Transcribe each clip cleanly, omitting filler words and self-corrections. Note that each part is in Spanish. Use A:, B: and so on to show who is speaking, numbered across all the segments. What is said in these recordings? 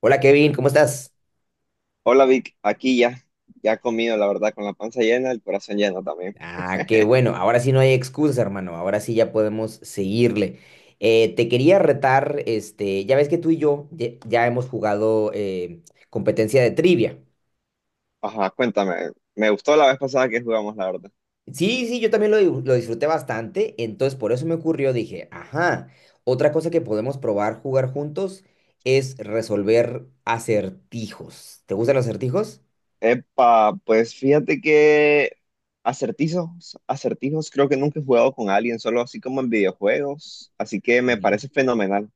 A: Hola Kevin, ¿cómo estás?
B: Hola Vic, aquí ya, ya comido, la verdad, con la panza llena, el corazón lleno también.
A: Ah, qué bueno, ahora sí no hay excusas, hermano, ahora sí ya podemos seguirle. Te quería retar, ya ves que tú y yo ya hemos jugado competencia de trivia.
B: Ajá, cuéntame, me gustó la vez pasada que jugamos, la verdad.
A: Sí, sí, yo también lo disfruté bastante, entonces por eso me ocurrió, dije, ajá, otra cosa que podemos probar jugar juntos es resolver acertijos. ¿Te gustan los acertijos?
B: Epa, pues fíjate que acertijos creo que nunca he jugado con alguien, solo así como en videojuegos, así que me parece fenomenal.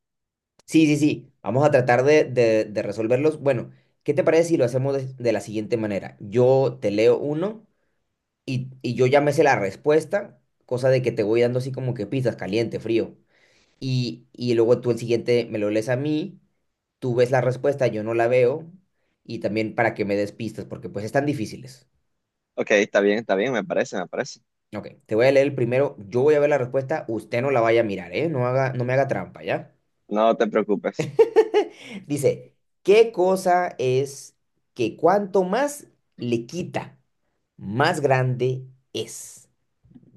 A: Sí, sí, sí. Vamos a tratar de resolverlos. Bueno, ¿qué te parece si lo hacemos de la siguiente manera? Yo te leo uno y yo ya me sé la respuesta, cosa de que te voy dando así como que pistas, caliente, frío. Y luego tú el siguiente me lo lees a mí, tú ves la respuesta, yo no la veo, y también para que me des pistas, porque pues están difíciles.
B: Ok, está bien, me parece.
A: Ok, te voy a leer el primero, yo voy a ver la respuesta, usted no la vaya a mirar, ¿eh? No haga, no me haga trampa, ¿ya?
B: No te preocupes.
A: Dice, ¿qué cosa es que cuanto más le quita, más grande es?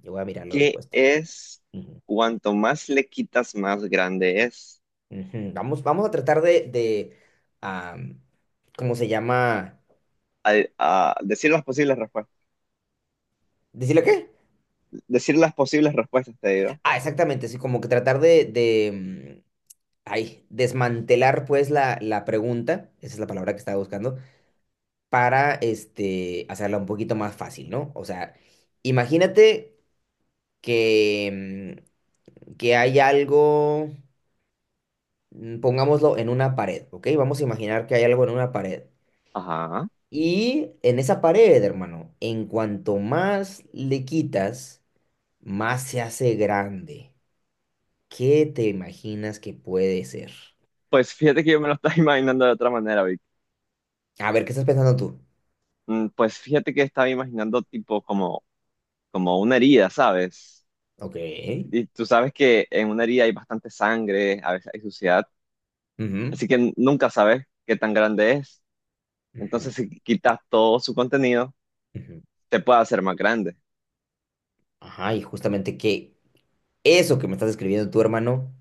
A: Yo voy a mirar la
B: ¿Qué
A: respuesta.
B: es
A: Ujú,
B: cuanto más le quitas, más grande es?
A: ujú. Vamos, vamos a tratar de, am, ¿cómo se llama?
B: A decir las posibles respuestas,
A: ¿Decirle qué?
B: decir las posibles respuestas, te digo.
A: Ah, exactamente, sí, como que tratar de ay, desmantelar pues la pregunta, esa es la palabra que estaba buscando, para hacerla un poquito más fácil, ¿no? O sea, imagínate que que hay algo, pongámoslo en una pared, ¿ok? Vamos a imaginar que hay algo en una pared.
B: Ajá.
A: Y en esa pared, hermano, en cuanto más le quitas, más se hace grande. ¿Qué te imaginas que puede ser?
B: Pues fíjate que yo me lo estaba imaginando de otra manera, Vic.
A: A ver, ¿qué estás pensando tú?
B: Pues fíjate que estaba imaginando como una herida, ¿sabes?
A: Ok.
B: Y tú sabes que en una herida hay bastante sangre, a veces hay suciedad,
A: Ujú,
B: así que nunca sabes qué tan grande es.
A: ujú,
B: Entonces, si quitas todo su contenido,
A: ujú.
B: te puede hacer más grande.
A: Ajá, y justamente que eso que me estás escribiendo tú, hermano,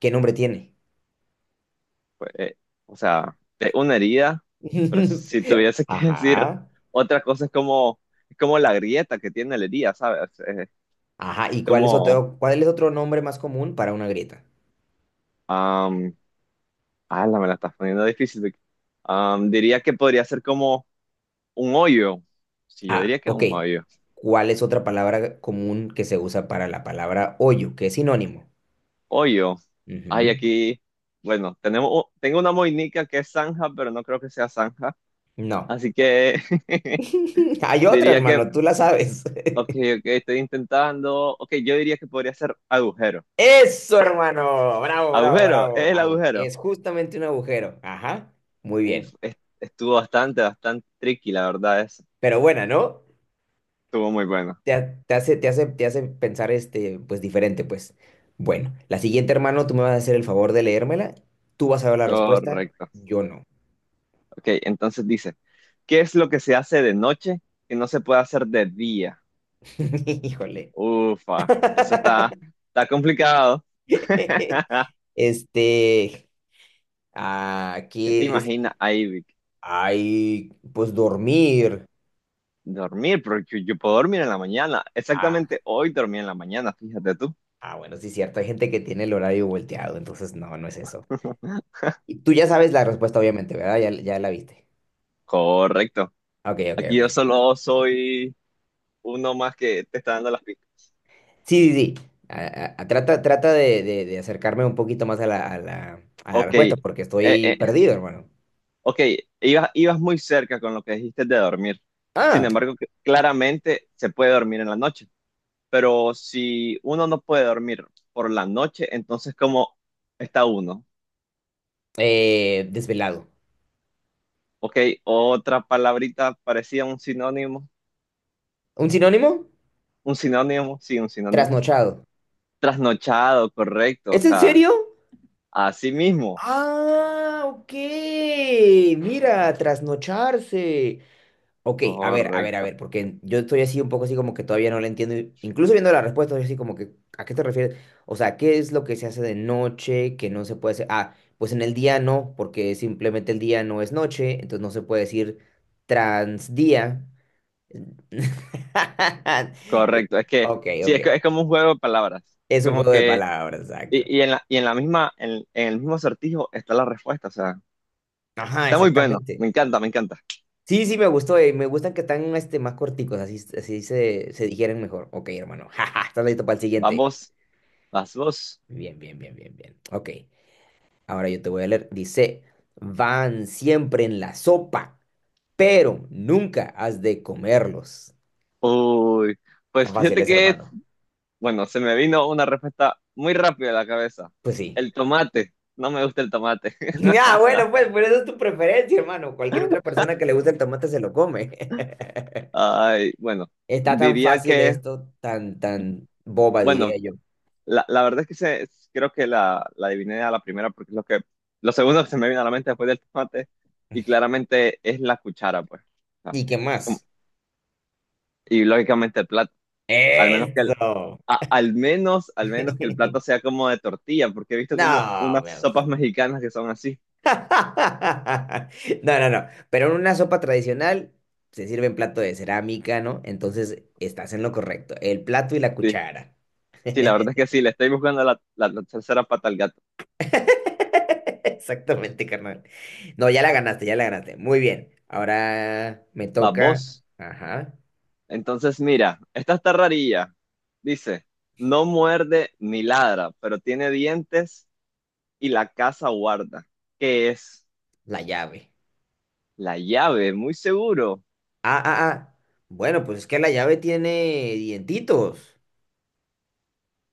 A: ¿qué nombre tiene?
B: Pues, o sea, es una herida, pero si tuviese que decir
A: Ajá.
B: otra cosa es es como la grieta que tiene la herida, ¿sabes? Es
A: Ajá, ¿y cuál es
B: como...
A: otro nombre más común para una grieta?
B: Ala, me la estás poniendo difícil. Vic. Diría que podría ser como un hoyo. Sí, yo
A: Ah,
B: diría que
A: ok.
B: un hoyo.
A: ¿Cuál es otra palabra común que se usa para la palabra hoyo, que es sinónimo?
B: Hoyo. Ay,
A: Ujú.
B: aquí. Bueno, tengo una moinica que es zanja, pero no creo que sea zanja.
A: No.
B: Así que
A: Hay otra,
B: diría que,
A: hermano, tú la sabes.
B: ok, ok, estoy intentando. Ok, yo diría que podría ser agujero.
A: Eso, hermano. Bravo, bravo,
B: Agujero,
A: bravo.
B: es el
A: Au.
B: agujero.
A: Es justamente un agujero. Ajá. Muy
B: Uf,
A: bien.
B: estuvo bastante tricky, la verdad es.
A: Pero buena, ¿no?
B: Estuvo muy bueno.
A: Te, ha- te hace, te hace, te hace pensar pues diferente, pues. Bueno, la siguiente, hermano, tú me vas a hacer el favor de leérmela. Tú vas a ver la respuesta,
B: Correcto.
A: yo no.
B: Ok, entonces dice. ¿Qué es lo que se hace de noche que no se puede hacer de día?
A: Híjole.
B: Ufa, está complicado.
A: Este,
B: ¿Qué
A: aquí
B: te
A: es,
B: imaginas ahí, Vic?
A: hay, pues dormir.
B: Dormir, porque yo, puedo dormir en la mañana.
A: Ah,
B: Exactamente hoy dormí en la mañana, fíjate tú.
A: ah, bueno, sí, cierto. Hay gente que tiene el horario volteado, entonces no, no es eso. Y tú ya sabes la respuesta, obviamente, ¿verdad? Ya, ya la viste.
B: Correcto.
A: Ok, ok,
B: Aquí yo
A: ok.
B: solo soy uno más que te está dando las pistas.
A: Sí, sí, sí. Ah, ah, trata de acercarme un poquito más a la
B: Ok,
A: respuesta, porque estoy
B: eh,
A: perdido, hermano.
B: ok, ibas muy cerca con lo que dijiste de dormir. Sin
A: Ah,
B: embargo, claramente se puede dormir en la noche. Pero si uno no puede dormir por la noche, entonces ¿cómo está uno?
A: desvelado.
B: Ok, otra palabrita parecía
A: ¿Un sinónimo?
B: un sinónimo, sí, un sinónimo.
A: Trasnochado.
B: Trasnochado, correcto, o
A: ¿Es en
B: sea,
A: serio?
B: así mismo,
A: Ah, ok. Mira, trasnocharse. Ok, a ver, a ver, a
B: correcto,
A: ver, porque yo estoy así un poco así como que todavía no lo entiendo. Incluso viendo la respuesta, yo así como que, ¿a qué te refieres? O sea, ¿qué es lo que se hace de noche que no se puede hacer? Ah, pues en el día no, porque simplemente el día no es noche, entonces no se puede decir transdía.
B: correcto. Es que,
A: Ok,
B: sí,
A: ok.
B: es como un juego de palabras, es
A: Es un
B: como
A: juego de
B: que,
A: palabras, exacto.
B: y en la misma, en el mismo acertijo está la respuesta, o sea,
A: Ajá,
B: está muy bueno,
A: exactamente.
B: me encanta, me encanta.
A: Sí, sí, me gustó, me gustan que están más corticos, así, así se, se digieren mejor. Ok, hermano. Jaja, ¿estás listo para el siguiente?
B: Vamos, vas vos.
A: Bien, bien, bien, bien, bien. Ok, ahora yo te voy a leer. Dice, van siempre en la sopa, pero nunca has de comerlos.
B: Uy,
A: Tan
B: pues
A: fácil
B: fíjate
A: es,
B: que
A: hermano.
B: bueno, se me vino una respuesta muy rápida a la cabeza.
A: Pues sí.
B: El tomate. No me gusta el tomate.
A: Ah, bueno, pues, pero esa es tu preferencia, hermano. Cualquier otra persona que le guste el tomate se lo come.
B: Ay, bueno,
A: Está tan
B: diría
A: fácil
B: que,
A: esto, tan, tan boba,
B: bueno,
A: diría yo.
B: la verdad es que creo que la adiviné a la primera porque es lo segundo que se me vino a la mente después del tomate y claramente es la cuchara, pues. O sea,
A: ¿Y qué
B: como-
A: más?
B: y lógicamente el plato, al menos que el,
A: Eso.
B: al menos que el plato sea como de tortilla, porque he visto como
A: No,
B: unas sopas mexicanas que son así.
A: No, no, no. Pero en una sopa tradicional se sirve en plato de cerámica, ¿no? Entonces estás en lo correcto. El plato y la
B: Sí.
A: cuchara.
B: Sí, la verdad es que sí, le estoy buscando la tercera pata al gato.
A: Exactamente, carnal. No, ya la ganaste, ya la ganaste. Muy bien. Ahora me
B: Va
A: toca,
B: vos.
A: ajá,
B: Entonces, mira, esta está rarilla. Dice, no muerde ni ladra, pero tiene dientes y la casa guarda. ¿Qué es?
A: la llave.
B: La llave, muy seguro.
A: Ah, ah, ah. Bueno, pues es que la llave tiene dientitos.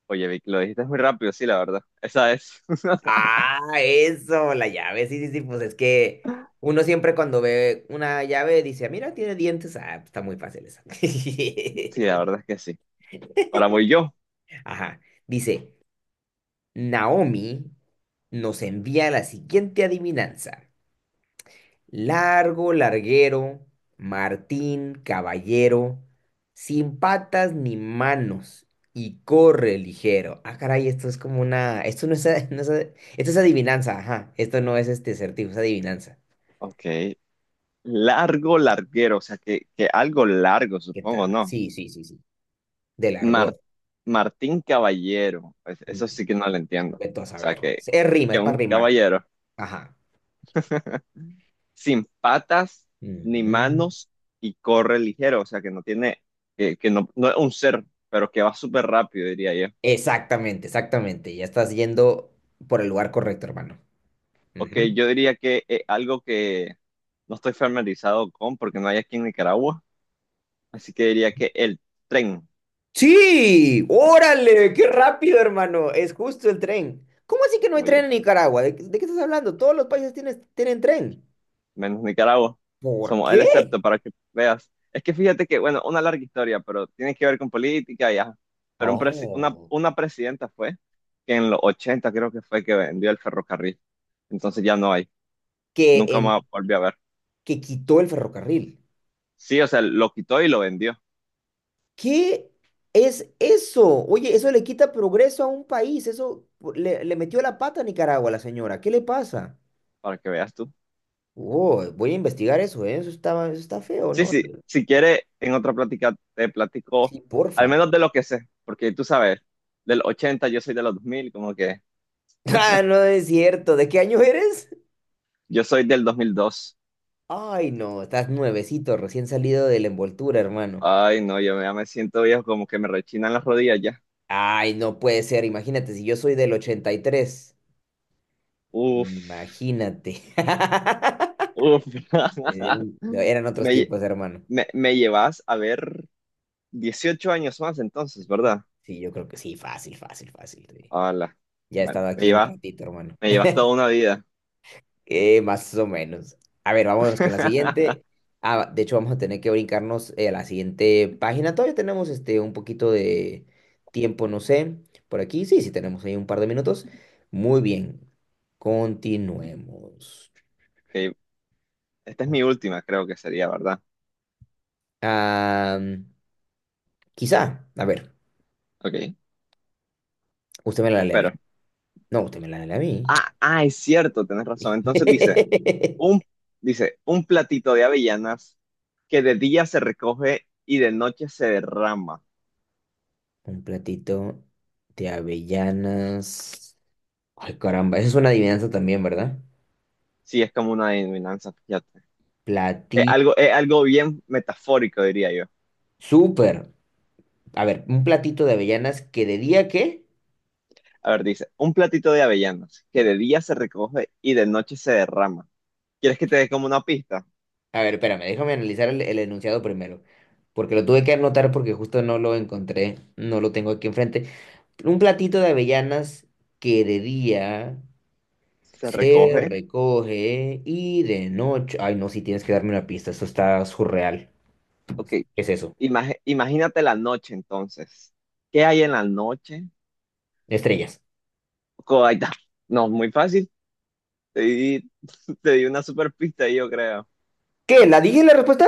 B: Oye, Vic, lo dijiste muy rápido, sí, la verdad. Esa es.
A: Ah, eso, la llave, sí, sí, sí, pues es que uno siempre cuando ve una llave dice, "Ah, mira, tiene dientes, ah, pues está muy fácil esa.
B: Sí, la verdad es que sí. Ahora voy yo.
A: Ajá, dice, Naomi nos envía la siguiente adivinanza. Largo, larguero, Martín, caballero, sin patas ni manos y corre ligero. Ah, caray, esto es como una, esto no no esto es adivinanza, ajá, esto no es este acertijo, es adivinanza.
B: Ok. Largo, larguero, o sea, que algo largo,
A: ¿Qué
B: supongo,
A: tal?
B: ¿no?
A: Sí, sí, sí, sí. Del argot.
B: Mar- Martín Caballero, pues,
A: Mm,
B: eso sí que no lo entiendo. O
A: Vete a
B: sea,
A: saber. Es rima,
B: que
A: es para
B: un
A: rimar.
B: caballero
A: Ajá.
B: sin patas ni
A: Ujú.
B: manos y corre ligero, o sea, que no tiene, que no, no es un ser, pero que va súper rápido, diría yo.
A: Exactamente, exactamente. Ya estás yendo por el lugar correcto, hermano.
B: Ok,
A: Ujú.
B: yo diría que es algo que no estoy familiarizado con porque no hay aquí en Nicaragua, así que diría que el tren.
A: Sí, órale, qué rápido, hermano. Es justo el tren. ¿Cómo así que no hay
B: Oye,
A: tren en Nicaragua? ¿De qué estás hablando? Todos los países tienen, tienen tren.
B: menos Nicaragua.
A: ¿Por
B: Somos el
A: qué?
B: excepto para que veas. Es que fíjate que, bueno, una larga historia, pero tiene que ver con política y ajá. Pero un presi- una,
A: Oh.
B: una presidenta fue que en los 80 creo que fue que vendió el ferrocarril. Entonces ya no hay.
A: Que,
B: Nunca
A: en,
B: más volví a ver.
A: que quitó el ferrocarril.
B: Sí, o sea, lo quitó y lo vendió,
A: ¿Qué es eso? Oye, eso le quita progreso a un país. Eso le metió la pata a Nicaragua, la señora. ¿Qué le pasa?
B: para que veas tú.
A: Oh, voy a investigar eso, ¿eh? Eso está feo,
B: Sí,
A: ¿no?
B: sí, si quiere, en otra plática te platico,
A: Sí,
B: al
A: porfa.
B: menos de lo que sé, porque tú sabes, del 80 yo soy de los 2000, como que
A: Ah, no es cierto. ¿De qué año eres?
B: yo soy del 2002.
A: Ay, no, estás nuevecito, recién salido de la envoltura, hermano.
B: Ay, no, yo ya me siento viejo, como que me rechinan las rodillas ya.
A: Ay, no puede ser. Imagínate, si yo soy del 83.
B: Uf,
A: Imagínate.
B: uf.
A: Eran otros
B: Me, lle-
A: tiempos, hermano.
B: me llevas a ver 18 años más entonces, ¿verdad?
A: Sí, yo creo que sí, fácil, fácil, fácil, sí.
B: Hola.
A: Ya he
B: Bueno,
A: estado aquí un ratito, hermano.
B: me llevas toda una vida.
A: Más o menos. A ver, vámonos con la siguiente. Ah, de hecho, vamos a tener que brincarnos a la siguiente página. Todavía tenemos un poquito de tiempo, no sé, por aquí. Sí, sí, tenemos ahí un par de minutos. Muy bien. Continuemos.
B: Ok, esta es mi última, creo que sería, ¿verdad?
A: Ah, quizá, a ver,
B: Ok,
A: usted me la
B: te
A: lee a
B: espero.
A: mí. No, usted me la lee a mí.
B: Ah, ah, es cierto, tenés razón. Entonces dice, un, un platito de avellanas que de día se recoge y de noche se derrama.
A: Un platito de avellanas. Ay, caramba, esa es una adivinanza también, ¿verdad?
B: Sí, es como una adivinanza, fíjate.
A: Platí.
B: Es algo bien metafórico, diría yo.
A: Súper. A ver, un platito de avellanas que de día que.
B: A ver, dice, un platito de avellanas que de día se recoge y de noche se derrama. ¿Quieres que te dé como una pista?
A: A ver, espérame, déjame analizar el enunciado primero. Porque lo tuve que anotar porque justo no lo encontré. No lo tengo aquí enfrente. Un platito de avellanas que de día
B: Se
A: se
B: recoge.
A: recoge y de noche. Ay, no, si tienes que darme una pista. Esto está surreal.
B: Ok,
A: ¿Qué es eso?
B: Imagínate la noche entonces. ¿Qué hay en la noche?
A: Estrellas.
B: Co- ahí está. No, muy fácil. Te di, te di una super pista ahí, yo creo.
A: ¿Qué? ¿La dije la respuesta?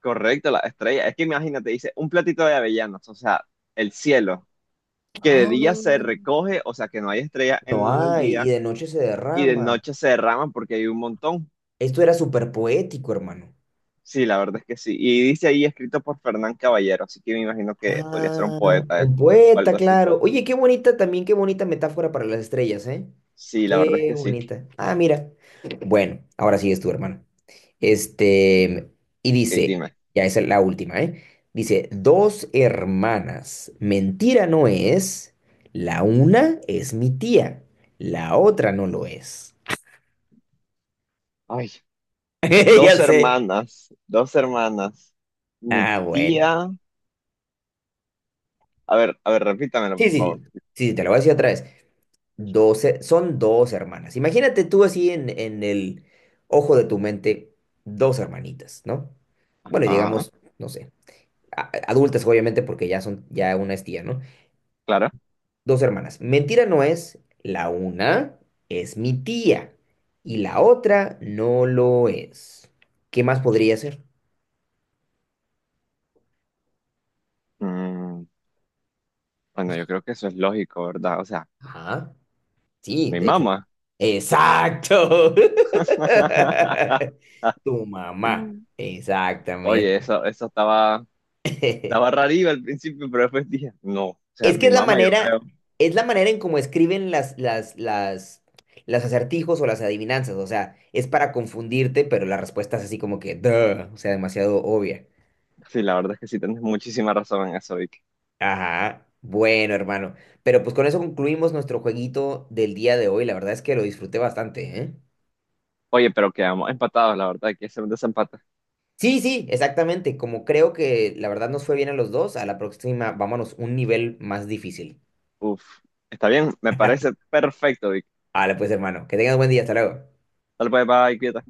B: Correcto, la estrella. Es que imagínate, dice, un platito de avellanas, o sea, el cielo, que de
A: Ah,
B: día se recoge, o sea, que no hay estrellas
A: no
B: en el
A: hay. Y
B: día,
A: de noche se
B: y de
A: derrama.
B: noche se derrama porque hay un montón.
A: Esto era súper poético, hermano.
B: Sí, la verdad es que sí. Y dice ahí escrito por Fernán Caballero, así que me imagino que podría ser un
A: Ah,
B: poeta él,
A: un
B: o
A: poeta,
B: algo así.
A: claro. Oye, qué bonita también, qué bonita metáfora para las estrellas, ¿eh?
B: Sí, la verdad es
A: Qué
B: que sí.
A: bonita. Ah, mira. Bueno, ahora sí es tu hermano. Este, y
B: Ok,
A: dice,
B: dime.
A: ya esa es la última, ¿eh? Dice, dos hermanas, mentira no es, la una es mi tía, la otra no lo es.
B: Ay,
A: Ya sé.
B: dos hermanas. Mi
A: Ah, bueno.
B: tía. A ver, repítamelo,
A: Sí,
B: por
A: sí,
B: favor.
A: sí, sí, sí, te lo voy a decir otra vez. 12, son dos hermanas. Imagínate tú así en el ojo de tu mente, dos hermanitas, ¿no? Bueno, y
B: Ah,
A: digamos, no sé, adultas obviamente porque ya son, ya una es tía, ¿no?
B: claro.
A: Dos hermanas. Mentira no es, la una es mi tía y la otra no lo es. ¿Qué más podría ser?
B: Mm, bueno, yo creo que eso es lógico, ¿verdad? O sea,
A: Ajá, sí,
B: mi
A: de hecho.
B: mamá.
A: Exacto. Tu mamá,
B: Oye,
A: exactamente.
B: estaba rarillo al principio, pero después dije, no, o sea,
A: Es que
B: mi mamá, yo creo.
A: es la manera en cómo escriben las acertijos o las adivinanzas. O sea, es para confundirte, pero la respuesta es así como que, duh, o sea, demasiado obvia.
B: Sí, la verdad es que sí, tienes muchísima razón en eso, Vicky.
A: Ajá. Bueno, hermano. Pero pues con eso concluimos nuestro jueguito del día de hoy. La verdad es que lo disfruté bastante, ¿eh?
B: Oye, pero quedamos empatados, la verdad, hay que hacer un desempate.
A: Sí, sí, exactamente. Como creo que la verdad nos fue bien a los dos, a la próxima vámonos un nivel más difícil.
B: Uf, está bien, me parece perfecto, Vicky.
A: Vale, pues hermano, que tengas buen día. Hasta luego.
B: Tal vez, bye, cuídate.